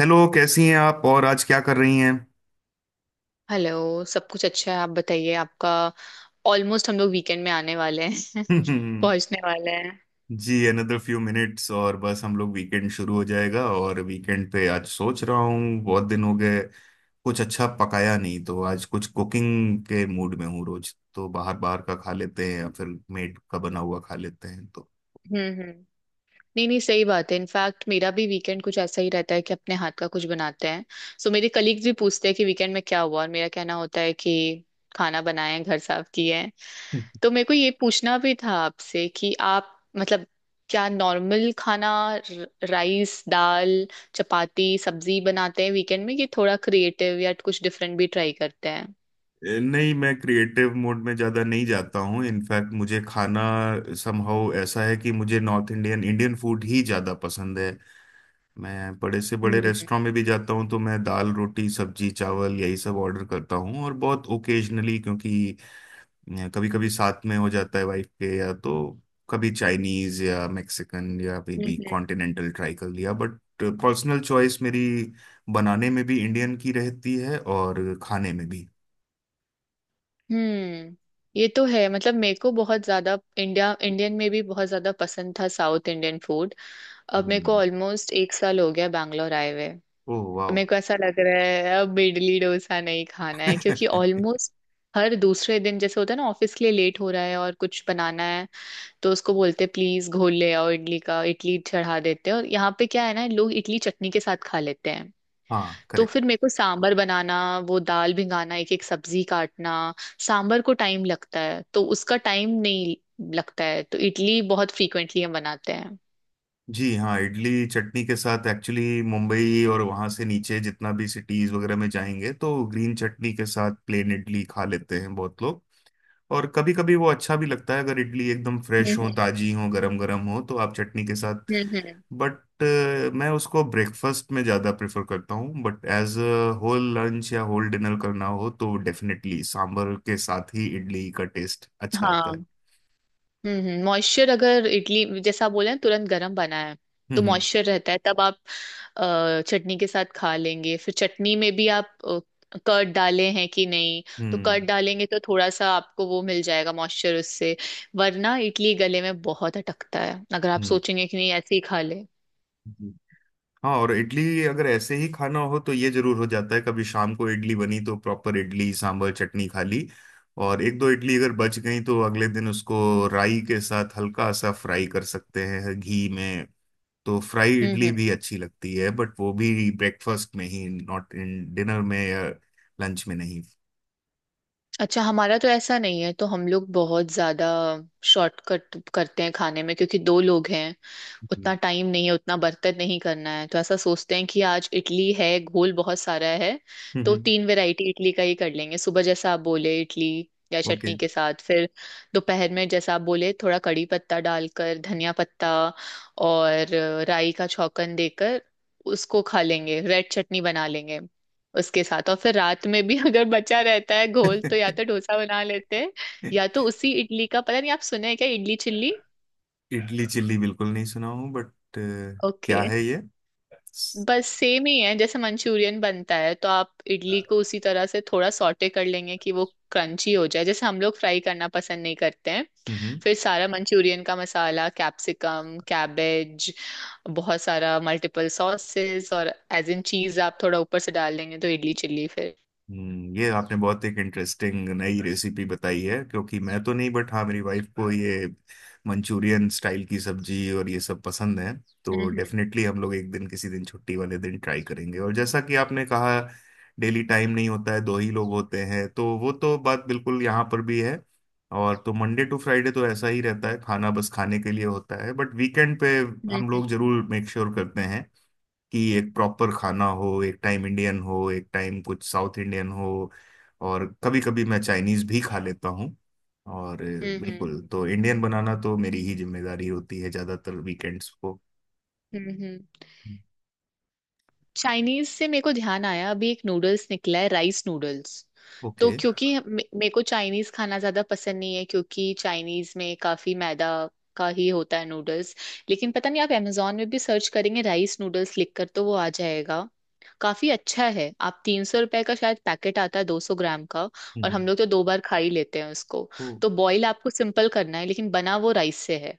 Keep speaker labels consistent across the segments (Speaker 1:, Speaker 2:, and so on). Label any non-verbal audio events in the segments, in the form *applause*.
Speaker 1: Hello, कैसी हैं आप और आज क्या कर रही हैं?
Speaker 2: हेलो। सब कुछ अच्छा है। आप बताइए आपका। ऑलमोस्ट हम लोग वीकेंड में आने वाले हैं। *laughs*
Speaker 1: *laughs*
Speaker 2: पहुंचने वाले हैं।
Speaker 1: जी, अनदर फ्यू मिनट्स और बस हम लोग वीकेंड शुरू हो जाएगा। और वीकेंड पे आज सोच रहा हूँ बहुत दिन हो गए कुछ अच्छा पकाया नहीं, तो आज कुछ कुकिंग के मूड में हूँ। रोज तो बाहर बाहर का खा लेते हैं या फिर मेड का बना हुआ खा लेते हैं तो।
Speaker 2: हम्म। हम्म। नहीं नहीं, सही बात है। इनफैक्ट मेरा भी वीकेंड कुछ ऐसा ही रहता है कि अपने हाथ का कुछ बनाते हैं। सो मेरे कलीग्स भी पूछते हैं कि वीकेंड में क्या हुआ, और मेरा कहना होता है कि खाना बनाए हैं, घर साफ किए हैं।
Speaker 1: *laughs*
Speaker 2: तो मेरे को ये पूछना भी था आपसे कि आप, मतलब, क्या नॉर्मल खाना, राइस दाल चपाती सब्जी बनाते हैं वीकेंड में, कि थोड़ा क्रिएटिव या कुछ डिफरेंट भी ट्राई करते हैं?
Speaker 1: नहीं मैं क्रिएटिव मोड में ज़्यादा नहीं जाता हूँ। इनफैक्ट मुझे खाना समहाउ ऐसा है कि मुझे नॉर्थ इंडियन इंडियन फूड ही ज़्यादा पसंद है। मैं बड़े से बड़े रेस्टोरेंट में भी जाता हूँ तो मैं दाल रोटी सब्जी चावल यही सब ऑर्डर करता हूँ। और बहुत ओकेजनली, क्योंकि कभी कभी साथ में हो जाता है वाइफ के, या तो कभी चाइनीज या मेक्सिकन या भी
Speaker 2: हम्म।
Speaker 1: कॉन्टिनेंटल ट्राई कर लिया। बट पर्सनल चॉइस मेरी बनाने में भी इंडियन की रहती है और खाने में भी।
Speaker 2: हम्म। ये तो है। मतलब मेरे को बहुत ज्यादा इंडिया इंडियन में भी बहुत ज्यादा पसंद था साउथ इंडियन फूड। अब मेरे को
Speaker 1: हम्म।
Speaker 2: ऑलमोस्ट एक साल हो गया बैंगलोर आए हुए।
Speaker 1: ओह वाह।
Speaker 2: मेरे को ऐसा लग रहा है अब इडली डोसा नहीं खाना है, क्योंकि
Speaker 1: *laughs*
Speaker 2: ऑलमोस्ट हर दूसरे दिन जैसे होता है ना, ऑफिस के लिए लेट हो रहा है और कुछ बनाना है, तो उसको बोलते हैं प्लीज घोल ले आओ इडली का, इडली चढ़ा देते हैं। और यहाँ पे क्या है ना, लोग इडली चटनी के साथ खा लेते हैं।
Speaker 1: हाँ,
Speaker 2: तो फिर
Speaker 1: करेक्ट।
Speaker 2: मेरे को सांबर बनाना, वो दाल भिंगाना, एक एक सब्जी काटना, सांबर को टाइम लगता है, तो उसका टाइम नहीं लगता है, तो इडली बहुत फ्रीक्वेंटली हम बनाते हैं।
Speaker 1: जी हाँ, इडली चटनी के साथ एक्चुअली मुंबई और वहाँ से नीचे जितना भी सिटीज वगैरह में जाएंगे तो ग्रीन चटनी के साथ प्लेन इडली खा लेते हैं बहुत लोग। और कभी कभी वो अच्छा भी लगता है अगर इडली एकदम फ्रेश हो,
Speaker 2: हम्म।
Speaker 1: ताजी हो, गरम गरम हो तो आप चटनी के साथ।
Speaker 2: हम्म। हम्म। हम्म।
Speaker 1: बट मैं उसको ब्रेकफास्ट में ज़्यादा प्रेफर करता हूँ। But as a whole lunch या होल डिनर करना हो तो डेफिनेटली सांभर के साथ ही इडली का टेस्ट अच्छा आता है।
Speaker 2: हाँ। हम्म। मॉइस्चर, अगर इडली जैसा आप बोले हैं, तुरंत गर्म बना है,
Speaker 1: हम्म,
Speaker 2: तो
Speaker 1: हम्म,
Speaker 2: मॉइस्चर रहता है। तब आप चटनी के साथ खा लेंगे। फिर चटनी में भी आप कर्ड डाले हैं कि नहीं, तो कर्ड
Speaker 1: हम्म,
Speaker 2: डालेंगे तो थोड़ा सा आपको वो मिल जाएगा मॉइस्चर उससे। वरना इडली गले में बहुत अटकता है, अगर आप
Speaker 1: हम्म,
Speaker 2: सोचेंगे कि नहीं ऐसे ही खा ले।
Speaker 1: हम्म। हाँ, और इडली अगर ऐसे ही खाना हो तो ये जरूर हो जाता है कभी शाम को इडली बनी तो प्रॉपर इडली सांभर चटनी खा ली, और एक दो इडली अगर बच गई तो अगले दिन उसको राई के साथ हल्का सा फ्राई कर सकते हैं घी में। तो फ्राई
Speaker 2: हम्म।
Speaker 1: इडली
Speaker 2: हम्म।
Speaker 1: भी अच्छी लगती है। बट वो भी ब्रेकफास्ट में ही, नॉट इन डिनर में या लंच में नहीं।
Speaker 2: अच्छा, हमारा तो ऐसा नहीं है। तो हम लोग बहुत ज्यादा शॉर्टकट करते हैं खाने में, क्योंकि दो लोग हैं,
Speaker 1: जी।
Speaker 2: उतना टाइम नहीं है, उतना बर्तन नहीं करना है। तो ऐसा सोचते हैं कि आज इडली है, घोल बहुत सारा है, तो
Speaker 1: हम्म।
Speaker 2: तीन वैरायटी इडली का ही कर लेंगे। सुबह जैसा आप बोले, इडली या
Speaker 1: ओके।
Speaker 2: चटनी के साथ। फिर दोपहर में जैसा आप बोले, थोड़ा कड़ी पत्ता डालकर, धनिया पत्ता और राई का छौंकन देकर उसको खा लेंगे, रेड चटनी बना लेंगे उसके साथ। और फिर रात में भी *laughs* अगर बचा रहता है घोल तो या
Speaker 1: *laughs*
Speaker 2: तो डोसा बना लेते हैं, या तो उसी इडली का। पता नहीं आप सुने हैं क्या, इडली चिल्ली?
Speaker 1: इडली चिल्ली बिल्कुल नहीं सुना हूँ, बट
Speaker 2: ओके।
Speaker 1: क्या है ये?
Speaker 2: बस सेम ही है जैसे मंचूरियन बनता है, तो आप इडली को उसी तरह से थोड़ा सॉटे कर लेंगे कि वो क्रंची हो जाए, जैसे हम लोग फ्राई करना पसंद नहीं करते हैं।
Speaker 1: हम्म
Speaker 2: फिर सारा मंचूरियन का मसाला, कैप्सिकम, कैबेज, बहुत सारा मल्टीपल सॉसेस और एज इन चीज आप थोड़ा ऊपर से डाल लेंगे, तो इडली चिल्ली फिर।
Speaker 1: ये आपने बहुत एक इंटरेस्टिंग नई रेसिपी बताई है, क्योंकि मैं तो नहीं, बट हाँ मेरी वाइफ को ये मंचूरियन स्टाइल की सब्जी और ये सब पसंद है। तो
Speaker 2: हम्म।
Speaker 1: डेफिनेटली हम लोग एक दिन किसी दिन छुट्टी वाले दिन ट्राई करेंगे। और जैसा कि आपने कहा, डेली टाइम नहीं होता है, दो ही लोग होते हैं, तो वो तो बात बिल्कुल यहाँ पर भी है। और तो मंडे टू फ्राइडे तो ऐसा ही रहता है, खाना बस खाने के लिए होता है। बट वीकेंड पे हम
Speaker 2: हम्म।
Speaker 1: लोग जरूर मेक श्योर करते हैं कि एक प्रॉपर खाना हो, एक टाइम इंडियन हो, एक टाइम कुछ साउथ इंडियन हो। और कभी कभी मैं चाइनीज भी खा लेता हूँ। और
Speaker 2: हम्म। हम्म।
Speaker 1: बिल्कुल तो इंडियन बनाना तो मेरी ही जिम्मेदारी होती है ज्यादातर वीकेंड्स को।
Speaker 2: हम्म। हम्म। चाइनीज से मेरे को ध्यान आया, अभी एक नूडल्स निकला है, राइस नूडल्स। तो
Speaker 1: ओके।
Speaker 2: क्योंकि मेरे को चाइनीज खाना ज्यादा पसंद नहीं है, क्योंकि चाइनीज में काफी मैदा का ही होता है नूडल्स। लेकिन पता नहीं, आप amazon में भी सर्च करेंगे राइस नूडल्स लिखकर तो वो आ जाएगा। काफी अच्छा है। आप 300 रुपए का शायद पैकेट आता है, 200 ग्राम का। और
Speaker 1: हम्म,
Speaker 2: हम लोग तो 2 बार खा ही लेते हैं उसको।
Speaker 1: तो
Speaker 2: तो बॉईल आपको सिंपल करना है, लेकिन बना वो राइस से है,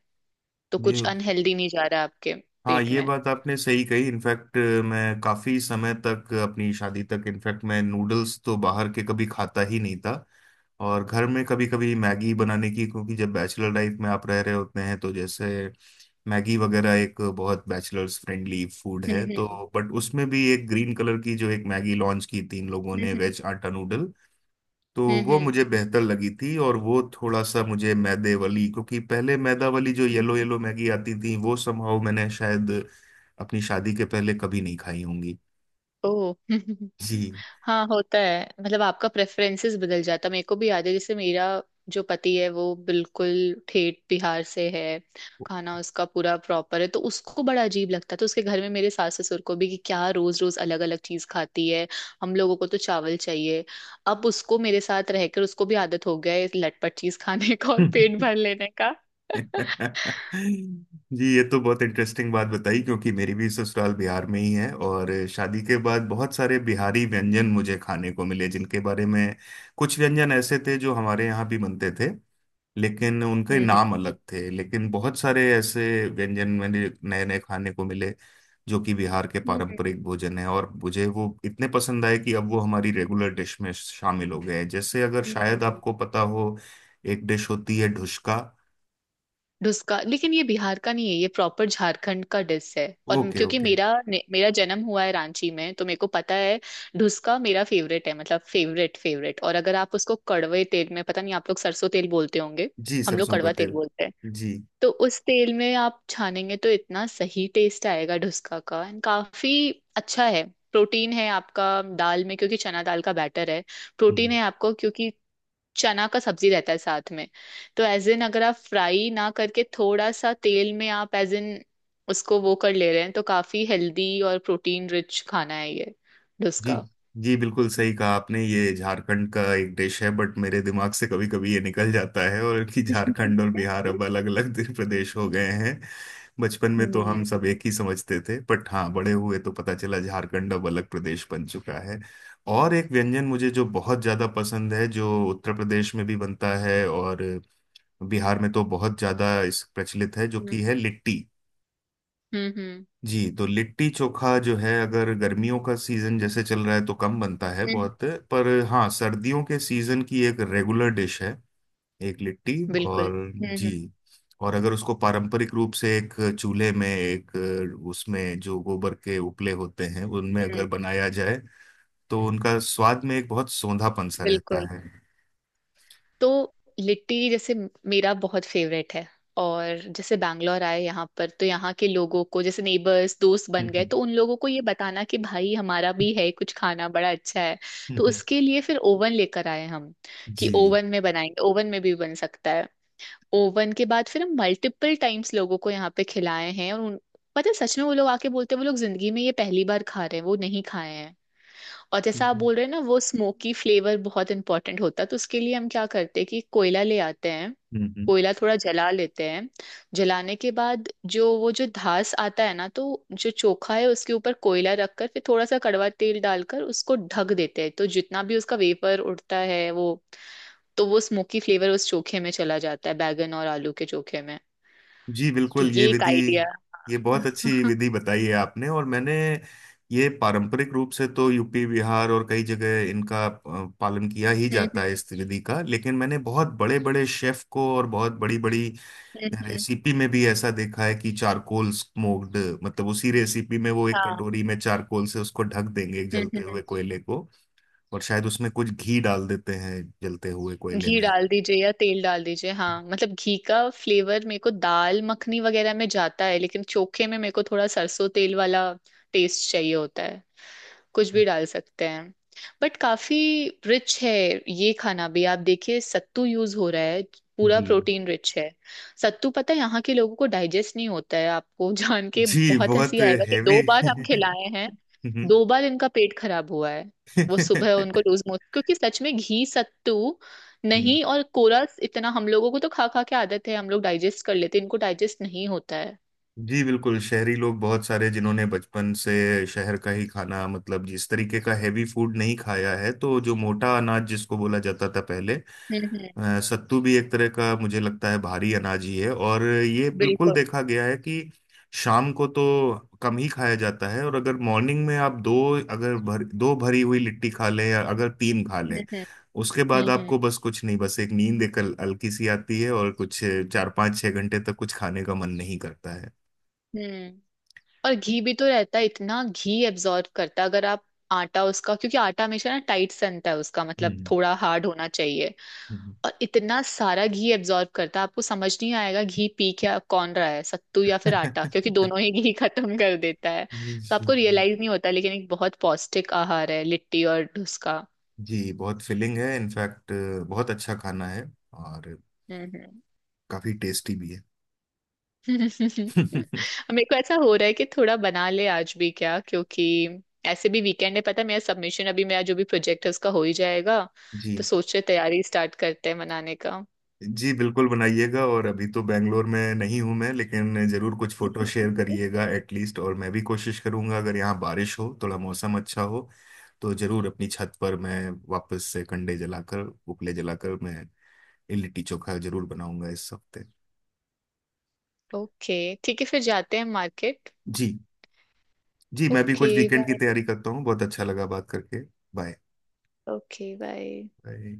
Speaker 2: तो कुछ
Speaker 1: ये,
Speaker 2: अनहेल्दी नहीं जा रहा है आपके
Speaker 1: हाँ
Speaker 2: पेट
Speaker 1: ये
Speaker 2: में।
Speaker 1: बात आपने सही कही। इनफैक्ट मैं काफी समय तक अपनी शादी तक, इनफैक्ट मैं नूडल्स तो बाहर के कभी खाता ही नहीं था। और घर में कभी कभी मैगी, बनाने की क्योंकि जब बैचलर लाइफ में आप रह रहे होते हैं तो जैसे मैगी वगैरह एक बहुत बैचलर्स फ्रेंडली फूड
Speaker 2: हम्म।
Speaker 1: है तो।
Speaker 2: हम्म।
Speaker 1: बट उसमें भी एक ग्रीन कलर की जो एक मैगी लॉन्च की तीन लोगों ने,
Speaker 2: हम्म।
Speaker 1: वेज आटा नूडल, तो
Speaker 2: हम्म।
Speaker 1: वो
Speaker 2: हम्म।
Speaker 1: मुझे बेहतर लगी थी। और वो थोड़ा सा मुझे मैदे वाली, क्योंकि पहले मैदा वाली जो येलो
Speaker 2: ओ।
Speaker 1: येलो मैगी आती थी वो समहाउ मैंने शायद अपनी शादी के पहले कभी नहीं खाई होंगी।
Speaker 2: *laughs*
Speaker 1: जी।
Speaker 2: हाँ, होता है। मतलब आपका प्रेफरेंसेस बदल जाता है। मेरे को भी याद है, जैसे मेरा जो पति है वो बिल्कुल ठेठ बिहार से है, खाना उसका पूरा प्रॉपर है। तो उसको बड़ा अजीब लगता है, तो उसके घर में मेरे सास ससुर को भी कि क्या रोज रोज अलग अलग चीज खाती है, हम लोगों को तो चावल चाहिए। अब उसको मेरे साथ रहकर उसको भी आदत हो गया है इस लटपट चीज खाने *laughs* का और पेट
Speaker 1: *laughs*
Speaker 2: भर लेने का। *laughs*
Speaker 1: जी, ये तो बहुत इंटरेस्टिंग बात बताई, क्योंकि मेरी भी ससुराल बिहार में ही है। और शादी के बाद बहुत सारे बिहारी व्यंजन मुझे खाने को मिले जिनके बारे में, कुछ व्यंजन ऐसे थे जो हमारे यहाँ भी बनते थे लेकिन उनके नाम
Speaker 2: हम्म।
Speaker 1: अलग थे, लेकिन बहुत सारे ऐसे व्यंजन मैंने नए नए खाने को मिले जो कि बिहार के पारंपरिक
Speaker 2: हम्म।
Speaker 1: भोजन है, और मुझे वो इतने पसंद आए कि अब वो हमारी रेगुलर डिश में शामिल हो गए हैं। जैसे अगर
Speaker 2: हम्म।
Speaker 1: शायद
Speaker 2: हम्म।
Speaker 1: आपको पता हो, एक डिश होती है ढुसका।
Speaker 2: डुस्का, लेकिन ये बिहार का नहीं है, ये प्रॉपर झारखंड का डिश है। और
Speaker 1: ओके,
Speaker 2: क्योंकि
Speaker 1: ओके।
Speaker 2: मेरा जन्म हुआ है रांची में, तो मेरे को पता है। डुस्का मेरा फेवरेट है, मतलब फेवरेट फेवरेट। और अगर आप उसको कड़वे तेल में, पता नहीं आप लोग सरसों तेल बोलते होंगे,
Speaker 1: जी,
Speaker 2: हम लोग
Speaker 1: सरसों का
Speaker 2: कड़वा तेल
Speaker 1: तेल।
Speaker 2: बोलते हैं,
Speaker 1: जी।
Speaker 2: तो उस तेल में आप छानेंगे तो इतना सही टेस्ट आएगा डुस्का का। एंड काफी अच्छा है, प्रोटीन है आपका दाल में, क्योंकि चना दाल का बैटर है। प्रोटीन है आपको, क्योंकि चना का सब्जी रहता है साथ में। तो एज इन, अगर आप फ्राई ना करके थोड़ा सा तेल में आप एज इन उसको वो कर ले रहे हैं, तो काफी हेल्दी और प्रोटीन रिच खाना है ये,
Speaker 1: जी
Speaker 2: डोसा।
Speaker 1: जी बिल्कुल सही कहा आपने, ये झारखंड का एक डिश है। बट मेरे दिमाग से कभी कभी ये निकल जाता है, और कि झारखंड और
Speaker 2: *laughs*
Speaker 1: बिहार अब अलग अलग प्रदेश हो गए हैं। बचपन में तो हम
Speaker 2: हम्म।
Speaker 1: सब एक ही समझते थे, बट हाँ बड़े हुए तो पता चला झारखंड अब अलग प्रदेश बन चुका है। और एक व्यंजन मुझे जो बहुत ज्यादा पसंद है, जो उत्तर प्रदेश में भी बनता है और बिहार में तो बहुत ज्यादा इस प्रचलित है, जो
Speaker 2: हम्म।
Speaker 1: कि है लिट्टी।
Speaker 2: हम्म।
Speaker 1: जी, तो लिट्टी चोखा जो है, अगर गर्मियों का सीजन जैसे चल रहा है तो कम बनता है
Speaker 2: हम्म।
Speaker 1: बहुत, पर हाँ सर्दियों के सीजन की एक रेगुलर डिश है एक लिट्टी।
Speaker 2: बिल्कुल।
Speaker 1: और
Speaker 2: हम्म।
Speaker 1: जी,
Speaker 2: हम्म।
Speaker 1: और अगर उसको पारंपरिक रूप से एक चूल्हे में, एक उसमें जो गोबर के उपले होते हैं उनमें अगर
Speaker 2: हम्म।
Speaker 1: बनाया जाए तो उनका स्वाद में एक बहुत सोंधापन सा रहता
Speaker 2: बिल्कुल।
Speaker 1: है।
Speaker 2: तो लिट्टी जैसे मेरा बहुत फेवरेट है। और जैसे बैंगलोर आए यहाँ पर, तो यहाँ के लोगों को, जैसे नेबर्स दोस्त बन गए, तो उन लोगों को ये बताना कि भाई हमारा भी है कुछ खाना, बड़ा अच्छा है। तो उसके
Speaker 1: *laughs*
Speaker 2: लिए फिर ओवन लेकर आए हम, कि ओवन में बनाएंगे, ओवन में भी बन सकता है। ओवन के बाद फिर हम मल्टीपल टाइम्स लोगों को यहाँ पे खिलाए हैं, और उन, पता है, सच में वो लोग आके बोलते हैं वो लोग जिंदगी में ये पहली बार खा रहे हैं, वो नहीं खाए हैं। और जैसा आप बोल रहे हैं ना, वो स्मोकी फ्लेवर बहुत इंपॉर्टेंट होता है, तो उसके लिए हम क्या करते हैं कि कोयला ले आते हैं,
Speaker 1: जी,
Speaker 2: कोयला थोड़ा जला लेते हैं। जलाने के बाद जो वो जो धास आता है ना, तो जो चोखा है उसके ऊपर कोयला रखकर फिर थोड़ा सा कड़वा तेल डालकर उसको ढक देते हैं, तो जितना भी उसका वेपर उड़ता है वो, तो वो स्मोकी फ्लेवर उस चोखे में चला जाता है, बैगन और आलू के चोखे में।
Speaker 1: जी
Speaker 2: तो
Speaker 1: बिल्कुल ये
Speaker 2: ये एक
Speaker 1: विधि,
Speaker 2: आइडिया।
Speaker 1: ये बहुत
Speaker 2: *laughs*
Speaker 1: अच्छी
Speaker 2: हम्म।
Speaker 1: विधि बताई है आपने। और मैंने ये पारंपरिक रूप से तो यूपी बिहार और कई जगह इनका पालन किया ही जाता है
Speaker 2: हम्म।
Speaker 1: इस विधि का, लेकिन मैंने बहुत बड़े बड़े शेफ को और बहुत बड़ी बड़ी
Speaker 2: हम्म। हम्म।
Speaker 1: रेसिपी में भी ऐसा देखा है कि चारकोल स्मोक्ड, मतलब उसी रेसिपी में वो एक
Speaker 2: हाँ।
Speaker 1: कटोरी में चारकोल से उसको ढक देंगे, एक
Speaker 2: हम्म।
Speaker 1: जलते
Speaker 2: हम्म।
Speaker 1: हुए कोयले को। और शायद उसमें कुछ घी डाल देते हैं जलते हुए कोयले
Speaker 2: घी
Speaker 1: में।
Speaker 2: डाल दीजिए या तेल डाल दीजिए, हाँ। मतलब घी का फ्लेवर मेरे को दाल मखनी वगैरह में जाता है, लेकिन चोखे में मेरे को थोड़ा सरसों तेल वाला टेस्ट चाहिए होता है। कुछ भी डाल सकते हैं। बट काफी रिच है ये खाना भी। आप देखिए सत्तू यूज हो रहा है, पूरा
Speaker 1: जी।
Speaker 2: प्रोटीन रिच है। सत्तू, पता है, यहाँ के लोगों को डाइजेस्ट नहीं होता है आपको। *laughs* जान के
Speaker 1: जी,
Speaker 2: बहुत
Speaker 1: बहुत
Speaker 2: हंसी आएगा कि दो
Speaker 1: हैवी।
Speaker 2: बार हम खिलाए हैं,
Speaker 1: *laughs*
Speaker 2: 2 बार इनका पेट खराब हुआ है। वो सुबह उनको
Speaker 1: *laughs*
Speaker 2: लूज मोशन, क्योंकि सच में घी सत्तू नहीं, और कोरा इतना हम लोगों को तो खा खा के आदत है, हम लोग डाइजेस्ट कर लेते हैं, इनको डाइजेस्ट नहीं होता है।
Speaker 1: जी बिल्कुल, शहरी लोग बहुत सारे जिन्होंने बचपन से शहर का ही खाना, मतलब जिस तरीके का हैवी फूड नहीं खाया है, तो जो मोटा अनाज जिसको बोला जाता था पहले,
Speaker 2: हम्म। हम्म।
Speaker 1: सत्तू भी एक तरह का मुझे लगता है भारी अनाज ही है। और ये बिल्कुल
Speaker 2: बिल्कुल।
Speaker 1: देखा गया है कि शाम को तो कम ही खाया जाता है, और अगर मॉर्निंग में आप दो, अगर भर, दो भरी हुई लिट्टी खा लें या अगर तीन खा
Speaker 2: हम्म।
Speaker 1: लें,
Speaker 2: हम्म।
Speaker 1: उसके बाद
Speaker 2: हम्म।
Speaker 1: आपको
Speaker 2: हम्म।
Speaker 1: बस कुछ नहीं, बस एक नींद एक हल्की सी आती है, और कुछ 4 5 6 घंटे तक कुछ खाने का मन नहीं करता है।
Speaker 2: हम्म। और घी भी तो रहता है, इतना घी एब्जॉर्ब करता है अगर आप आटा उसका, क्योंकि आटा हमेशा ना टाइट सनता है उसका, मतलब
Speaker 1: हम्म।
Speaker 2: थोड़ा हार्ड होना चाहिए,
Speaker 1: हम्म।
Speaker 2: और इतना सारा घी एब्जॉर्ब करता है। आपको समझ नहीं आएगा घी पी क्या कौन रहा है, सत्तू या फिर आटा, क्योंकि
Speaker 1: *laughs*
Speaker 2: दोनों ही घी *laughs* खत्म कर देता है।
Speaker 1: जी।
Speaker 2: तो आपको रियलाइज नहीं होता, लेकिन एक बहुत पौष्टिक आहार है लिट्टी और उसका।
Speaker 1: जी, बहुत फिलिंग है इनफैक्ट, बहुत अच्छा खाना है। और
Speaker 2: हम्म। हम्म।
Speaker 1: काफी टेस्टी भी है।
Speaker 2: *laughs* मेरे
Speaker 1: *laughs*
Speaker 2: को ऐसा हो रहा है कि थोड़ा बना ले आज भी क्या, क्योंकि ऐसे भी वीकेंड है। पता है मेरा सबमिशन, अभी मेरा जो भी प्रोजेक्ट है उसका हो ही जाएगा, तो
Speaker 1: जी,
Speaker 2: सोच रहे तैयारी स्टार्ट करते हैं मनाने का।
Speaker 1: जी बिल्कुल बनाइएगा। और अभी तो बैंगलोर में नहीं हूं मैं, लेकिन जरूर कुछ फोटो शेयर
Speaker 2: *laughs*
Speaker 1: करिएगा एटलीस्ट। और मैं भी कोशिश करूंगा, अगर यहाँ बारिश हो, थोड़ा मौसम अच्छा हो, तो जरूर अपनी छत पर मैं वापस से कंडे जलाकर, उपले जलाकर मैं लिट्टी चोखा जरूर बनाऊंगा इस हफ्ते।
Speaker 2: ओके ठीक है, फिर जाते हैं मार्केट।
Speaker 1: जी। जी, मैं भी
Speaker 2: ओके।
Speaker 1: कुछ वीकेंड की
Speaker 2: बाय।
Speaker 1: तैयारी करता हूँ। बहुत अच्छा लगा बात करके। बाय।
Speaker 2: ओके। बाय।
Speaker 1: बाय।